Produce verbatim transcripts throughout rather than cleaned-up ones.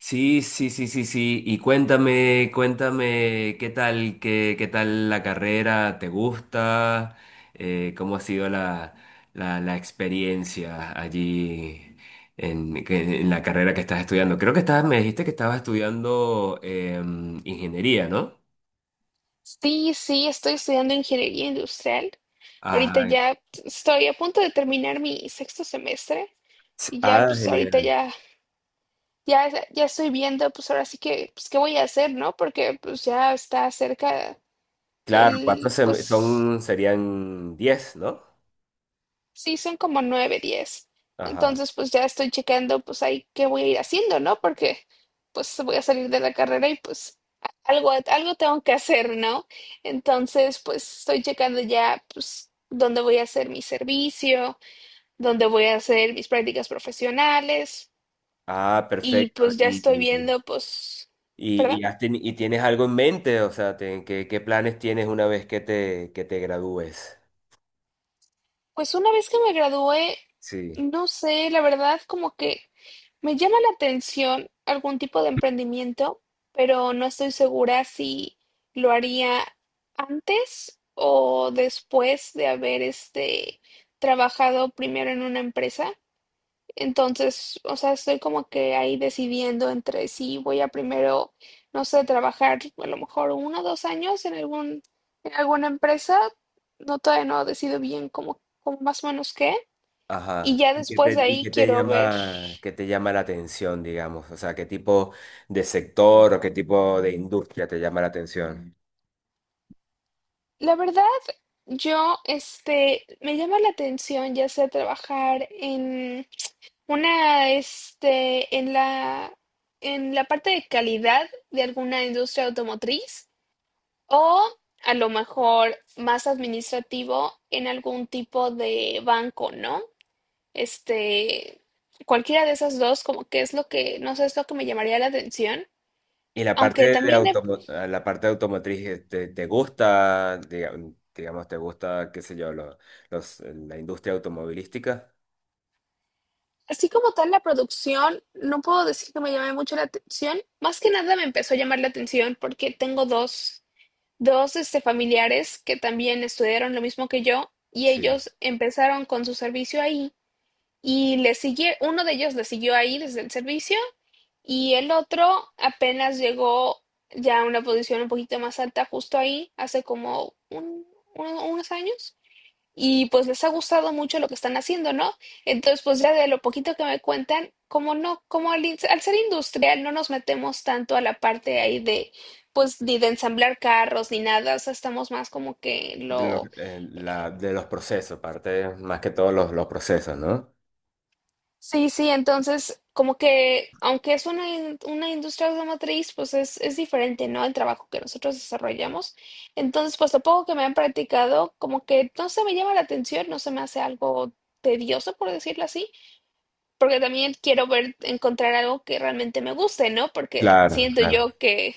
Sí, sí, sí, sí, sí. Y cuéntame, cuéntame, ¿qué tal, qué, qué tal la carrera? ¿Te gusta? Eh, ¿cómo ha sido la, la, la experiencia allí en, que- en la carrera que estás estudiando? Creo que estabas, me dijiste que estabas estudiando eh, ingeniería, ¿no? Sí, sí, estoy estudiando ingeniería industrial. Ahorita Ah, ya estoy a punto de terminar mi sexto semestre y ya ah, pues ahorita genial. ya ya ya estoy viendo pues ahora sí que pues qué voy a hacer, ¿no? Porque pues ya está cerca Claro, cuatro el sem- pues. son, serían diez, ¿no? Sí, son como nueve, diez. Ajá. Entonces, pues ya estoy checando, pues ahí qué voy a ir haciendo, ¿no? Porque pues voy a salir de la carrera y pues a- algo, algo tengo que hacer, ¿no? Entonces, pues estoy checando ya, pues, dónde voy a hacer mi servicio, dónde voy a hacer mis prácticas profesionales Ah, y perfecto. pues ya estoy Y viendo, pues, Y, perdón, y, has teni- y tienes algo en mente, o sea, te- ¿qué, qué planes tienes una vez que te, que te gradúes? pues una vez que me gradué, Sí, no sé, la verdad, como que me llama la atención algún tipo de emprendimiento, pero no estoy segura si lo haría antes o después de haber este trabajado primero en una empresa. Entonces, o sea, estoy como que ahí decidiendo entre si voy a primero, no sé, trabajar a lo mejor uno o dos años en algún, en alguna empresa. No, todavía no decido bien cómo, cómo más o menos qué. Y ajá. ya ¿Y qué después de te, y ahí qué te quiero ver. llama, qué te llama la atención, digamos? O sea, ¿qué tipo de sector o qué tipo de industria te llama la atención? La verdad, yo, este, me llama la atención ya sea trabajar en una, este, en la, en la parte de calidad de alguna industria automotriz o a lo mejor más administrativo en algún tipo de banco, ¿no? Este, Cualquiera de esas dos, como que es lo que, no sé, es lo que me llamaría la atención. Y la Aunque parte de también he. automo- ah, la parte de automotriz, eh, ¿te, te gusta, diga- digamos, te gusta, qué sé yo, lo- los, la industria automovilística? Así como tal la producción, no puedo decir que me llame mucho la atención. Más que nada me empezó a llamar la atención porque tengo dos, dos este, familiares que también estudiaron lo mismo que yo y Sí. ellos empezaron con su servicio ahí y le sigue, uno de ellos le siguió ahí desde el servicio y el otro apenas llegó ya a una posición un poquito más alta justo ahí hace como un- uno- unos años y pues les ha gustado mucho lo que están haciendo, ¿no? Entonces, pues ya de lo poquito que me cuentan, como no, como al, in- al ser industrial no nos metemos tanto a la parte ahí de, pues ni de ensamblar carros ni nada, o sea, estamos más como que De los, lo. Eh, la, de los procesos, parte más que todos los, los procesos, ¿no? Sí, sí, entonces como que aunque es una, in- una industria automotriz, pues es, es diferente, ¿no? El trabajo que nosotros desarrollamos. Entonces, pues lo poco que me han practicado, como que no se me llama la atención, no se me hace algo tedioso, por decirlo así. Porque también quiero ver, encontrar algo que realmente me guste, ¿no? Porque Claro, siento claro, yo que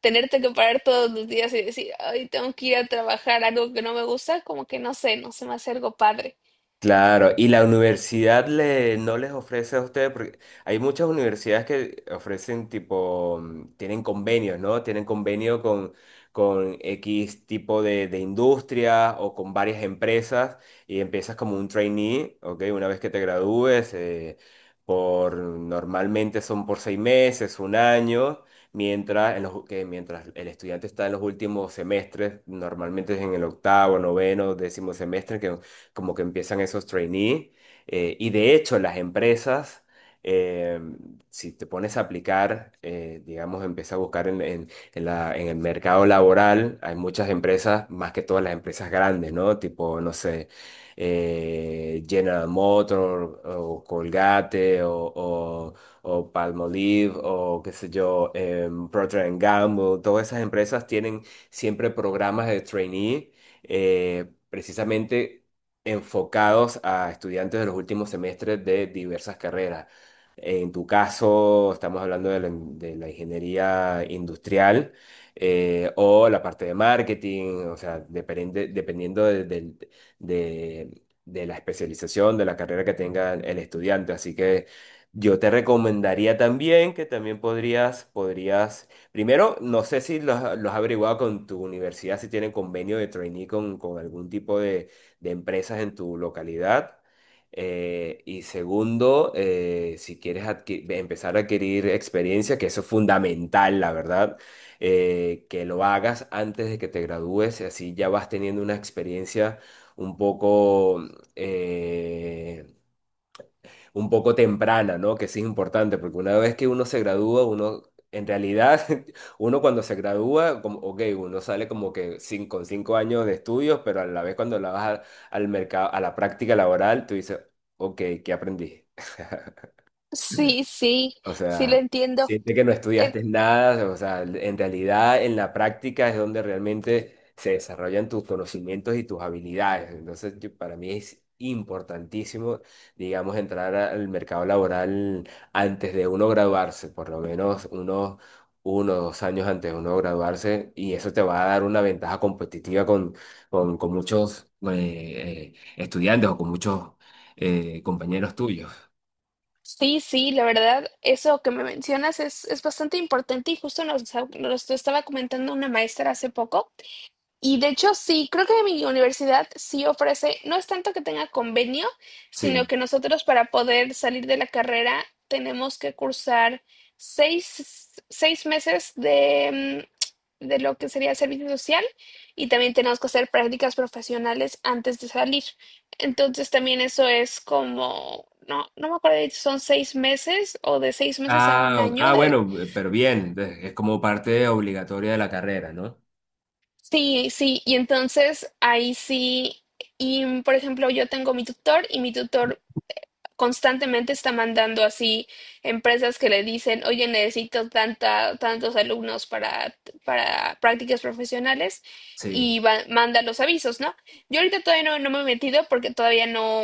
tenerte que parar todos los días y decir, ay, tengo que ir a trabajar algo que no me gusta, como que no sé, no se me hace algo padre. claro. Y la universidad le, no les ofrece a ustedes, porque hay muchas universidades que ofrecen tipo, mm, tienen convenios, ¿no? Tienen convenio con, con X tipo de, de industria o con varias empresas, y empiezas como un trainee, ¿ok? Una vez que te gradúes, eh, por, normalmente son por seis meses, un año. Mientras, en los- que mientras el estudiante está en los últimos semestres, normalmente es en el octavo, noveno, décimo semestre, que como que empiezan esos trainees. eh, y de hecho, las empresas, eh, si te pones a aplicar, eh, digamos, empieza a buscar en, en- en la- en el mercado laboral, hay muchas empresas, más que todas las empresas grandes, ¿no? Tipo, no sé, eh, General Motors o Colgate o, o- o Palmolive o qué sé yo, em, Procter and Gamble, todas esas empresas tienen siempre programas de trainee. Eh, precisamente enfocados a estudiantes de los últimos semestres de diversas carreras. En tu caso, estamos hablando de la, de la ingeniería industrial, eh, o la parte de marketing, o sea, depende- dependiendo de, del- de- de la especialización, de la carrera que tenga el estudiante. Así que yo te recomendaría también que también podrías, podrías, primero, no sé si los, los has averiguado con tu universidad, si tienen convenio de trainee con, con algún tipo de empresas en tu localidad. Eh, y segundo, eh, si quieres adqui- empezar a adquirir experiencia, que eso es fundamental, la verdad, eh, que lo hagas antes de que te gradúes, así ya vas teniendo una experiencia un poco, eh, un poco temprana, ¿no? Que sí es importante, porque una vez que uno se gradúa, uno, en realidad, uno cuando se gradúa, como, ok, uno sale como que cin- con cinco años de estudios, pero a la vez cuando la vas a- al mercado, a la práctica laboral, tú dices, ok, ¿qué aprendí? Sí, sí, O sí lo sea, entiendo. siente que no Eh, estudiaste nada, o sea, en realidad en la práctica es donde realmente se desarrollan tus conocimientos y tus habilidades. Entonces, yo- para mí es importantísimo, digamos, entrar al mercado laboral antes de uno graduarse, por lo menos unos uno o dos años antes de uno graduarse, y eso te va a dar una ventaja competitiva con, con, con muchos eh, eh, estudiantes o con muchos eh, compañeros tuyos. sí, sí, la verdad, eso que me mencionas es, es bastante importante y justo nos, nos lo estaba comentando una maestra hace poco. Y de hecho, sí, creo que mi universidad sí ofrece, no es tanto que tenga convenio, sino Sí. que nosotros para poder salir de la carrera tenemos que cursar seis, seis meses de, mm, de lo que sería servicio social y también tenemos que hacer prácticas profesionales antes de salir. Entonces también eso es como, no, no me acuerdo si son seis meses o de seis meses a un Ah, o- año ah, de. bueno, eh, pero bien, entonces, es como parte obligatoria de la carrera, ¿no? Sí, sí, y entonces ahí sí, y mm, por ejemplo, yo tengo mi tutor y mi tutor constantemente está mandando así empresas que le dicen, oye, necesito tanta, tantos alumnos para, para prácticas profesionales Sí, y va- manda los avisos, ¿no? Yo ahorita todavía no, no me he metido porque todavía no,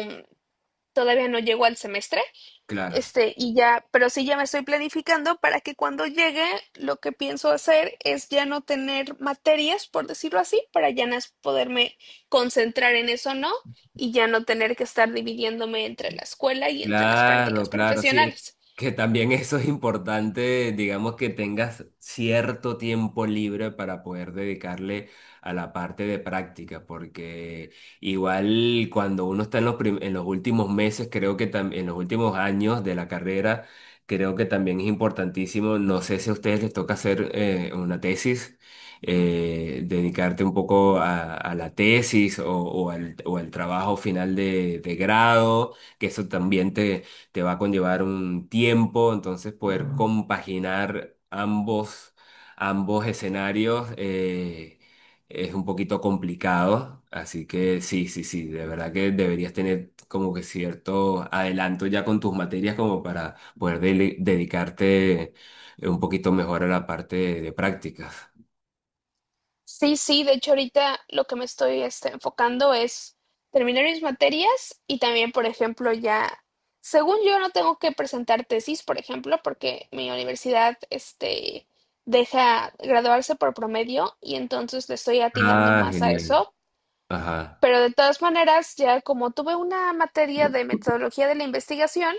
todavía no llego al semestre claro. este, y ya, pero sí ya me estoy planificando para que cuando llegue, lo que pienso hacer es ya no tener materias, por decirlo así, para ya nas- poderme concentrar en eso, ¿no? Y ya no tener que estar dividiéndome entre la escuela y entre las Claro, prácticas claro, sí. profesionales. Que también eso es importante, digamos que tengas cierto tiempo libre para poder dedicarle a la parte de práctica, porque igual cuando uno está en los, prim- en los últimos meses, creo que también en los últimos años de la carrera, creo que también es importantísimo, no sé si a ustedes les toca hacer eh, una tesis, eh, dedicarte un poco a, a la tesis o, o al, o al trabajo final de de grado, que eso también te, te va a conllevar un tiempo, entonces poder compaginar ambos, ambos escenarios, eh, es un poquito complicado, así que sí, sí, sí, de verdad que deberías tener como que cierto adelanto ya con tus materias como para poder dele- dedicarte un poquito mejor a la parte de, de prácticas. Sí, sí, de hecho ahorita lo que me estoy este, enfocando es terminar mis materias y también, por ejemplo, ya, según yo no tengo que presentar tesis, por ejemplo, porque mi universidad este, deja graduarse por promedio y entonces le estoy atinando Ah, más a genial. eso. Ajá. Pero de todas maneras, ya como tuve una materia de metodología de la investigación,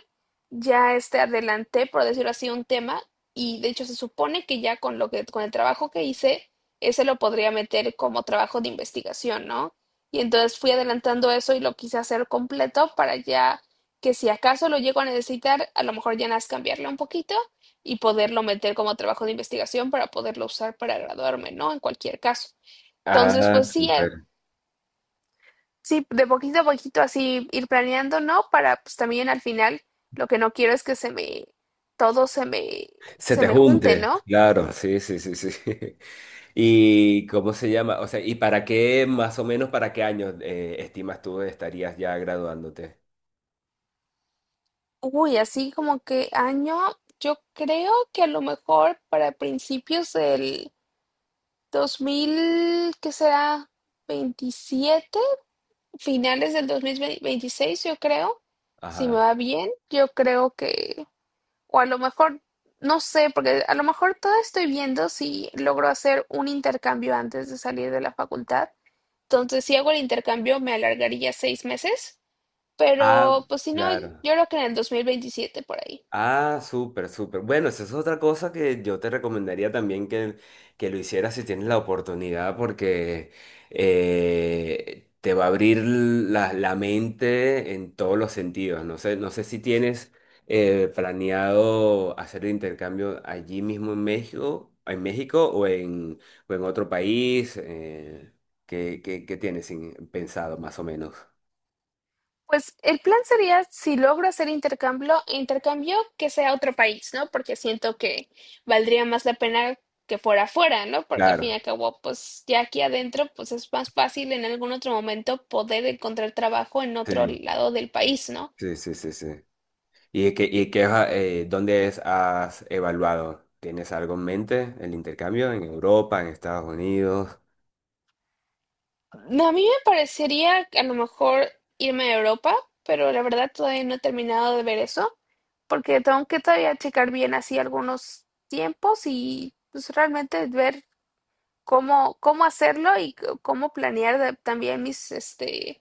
ya este adelanté, por decirlo así, un tema y de hecho se supone que ya con lo que con el trabajo que hice, ese lo podría meter como trabajo de investigación, ¿no? Y entonces fui adelantando eso y lo quise hacer completo para ya que si acaso lo llego a necesitar, a lo mejor ya nada más cambiarlo un poquito y poderlo meter como trabajo de investigación para poderlo usar para graduarme, ¿no? En cualquier caso. Entonces, Ah, pues sí, eh, súper. Sí, de poquito a poquito así ir planeando, ¿no? Para pues también al final lo que no quiero es que se me, todo se me, Se se te me junte, junte, ¿no? claro, sí, sí, sí, sí. ¿Y cómo se llama? O sea, ¿y para qué, más o menos, para qué años eh, estimas tú estarías ya graduándote? Uy, así como que año, yo creo que a lo mejor para principios del dos mil, ¿qué será? veintisiete, finales del dos mil veintiséis, yo creo, si me Ajá. va bien, yo creo que. O a lo mejor, no sé, porque a lo mejor todavía estoy viendo si logro hacer un intercambio antes de salir de la facultad. Entonces, si hago el intercambio, me alargaría seis meses. Ah, Pero, pues si no, yo claro. creo que en el dos mil veintisiete por ahí. Ah, súper, súper. Bueno, esa es otra cosa que yo te recomendaría también que, que lo hicieras si tienes la oportunidad, porque eh, te va a abrir la, la mente en todos los sentidos. No sé, no sé si tienes eh, planeado hacer el intercambio allí mismo en México, en México o en o en otro país. eh, ¿qué, qué- qué tienes en- pensado más o menos? Pues el plan sería, si logro hacer intercambio, intercambio que sea a otro país, ¿no? Porque siento que valdría más la pena que fuera afuera, ¿no? Porque al fin y Claro. al cabo, pues ya aquí adentro, pues es más fácil en algún otro momento poder encontrar trabajo en otro Sí, lado del país, ¿no? sí, sí, sí, sí. ¿Y qué, y qué, eh, dónde es- has evaluado? ¿Tienes algo en mente? ¿El intercambio en Europa, en Estados Unidos? No, a mí me parecería que a lo mejor irme a Europa, pero la verdad todavía no he terminado de ver eso, porque tengo que todavía checar bien así algunos tiempos y pues realmente ver cómo, cómo hacerlo y c- cómo planear de- también mis, este,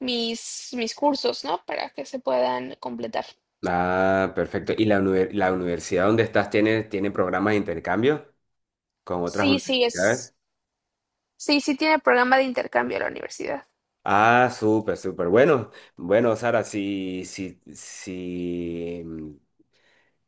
mis, mis cursos, ¿no? Para que se puedan completar. Ah, perfecto. ¿Y la, univer- la universidad donde estás tiene, tiene programas de intercambio con otras Sí, sí, universidades? es, sí, sí tiene programa de intercambio la universidad. Ah, súper, súper. Bueno, bueno, Sara, si, si, si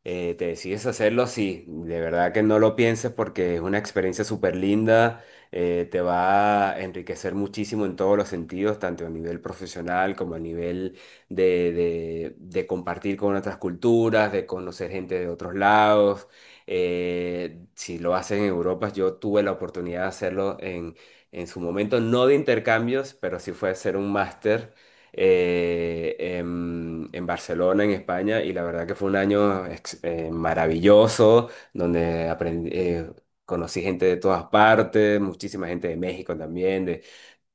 eh, te decides hacerlo, sí, de verdad que no lo pienses porque es una experiencia súper linda, eh, te va a enriquecer muchísimo en todos los sentidos, tanto a nivel profesional como a nivel de, de- de compartir con otras culturas, de conocer gente de otros lados. Eh, si lo haces en Europa, yo tuve la oportunidad de hacerlo en, en su momento, no de intercambios, pero sí fue hacer un máster, eh, en, en Barcelona, en España, y la verdad que fue un año ex- eh, maravilloso, donde aprendí, eh, conocí gente de todas partes, muchísima gente de México también,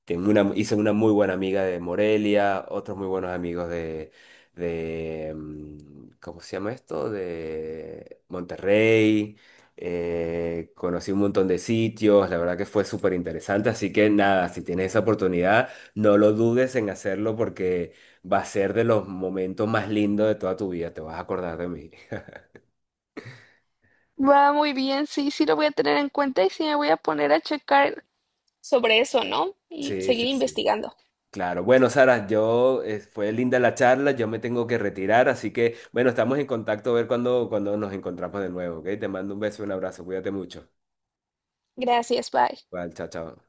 tengo una, hice una muy buena amiga de Morelia, otros muy buenos amigos de, de, mm, ¿cómo se llama esto? De Monterrey. Eh, conocí un montón de sitios, la verdad que fue súper interesante, así que nada, si tienes esa oportunidad, no lo dudes en hacerlo porque va a ser de los momentos más lindos de toda tu vida, te vas a acordar de mí. Va muy bien, sí, sí lo voy a tener en cuenta y sí me voy a poner a checar sobre eso, ¿no? Y Sí, seguir sí, sí. investigando. Claro, bueno, Sara, yo eh, fue linda la charla, yo me tengo que retirar, así que bueno, estamos en contacto a ver cuando, cuando nos encontramos de nuevo, ¿ok? Te mando un beso, un abrazo, cuídate mucho. Gracias, bye. Vale, chao, chao.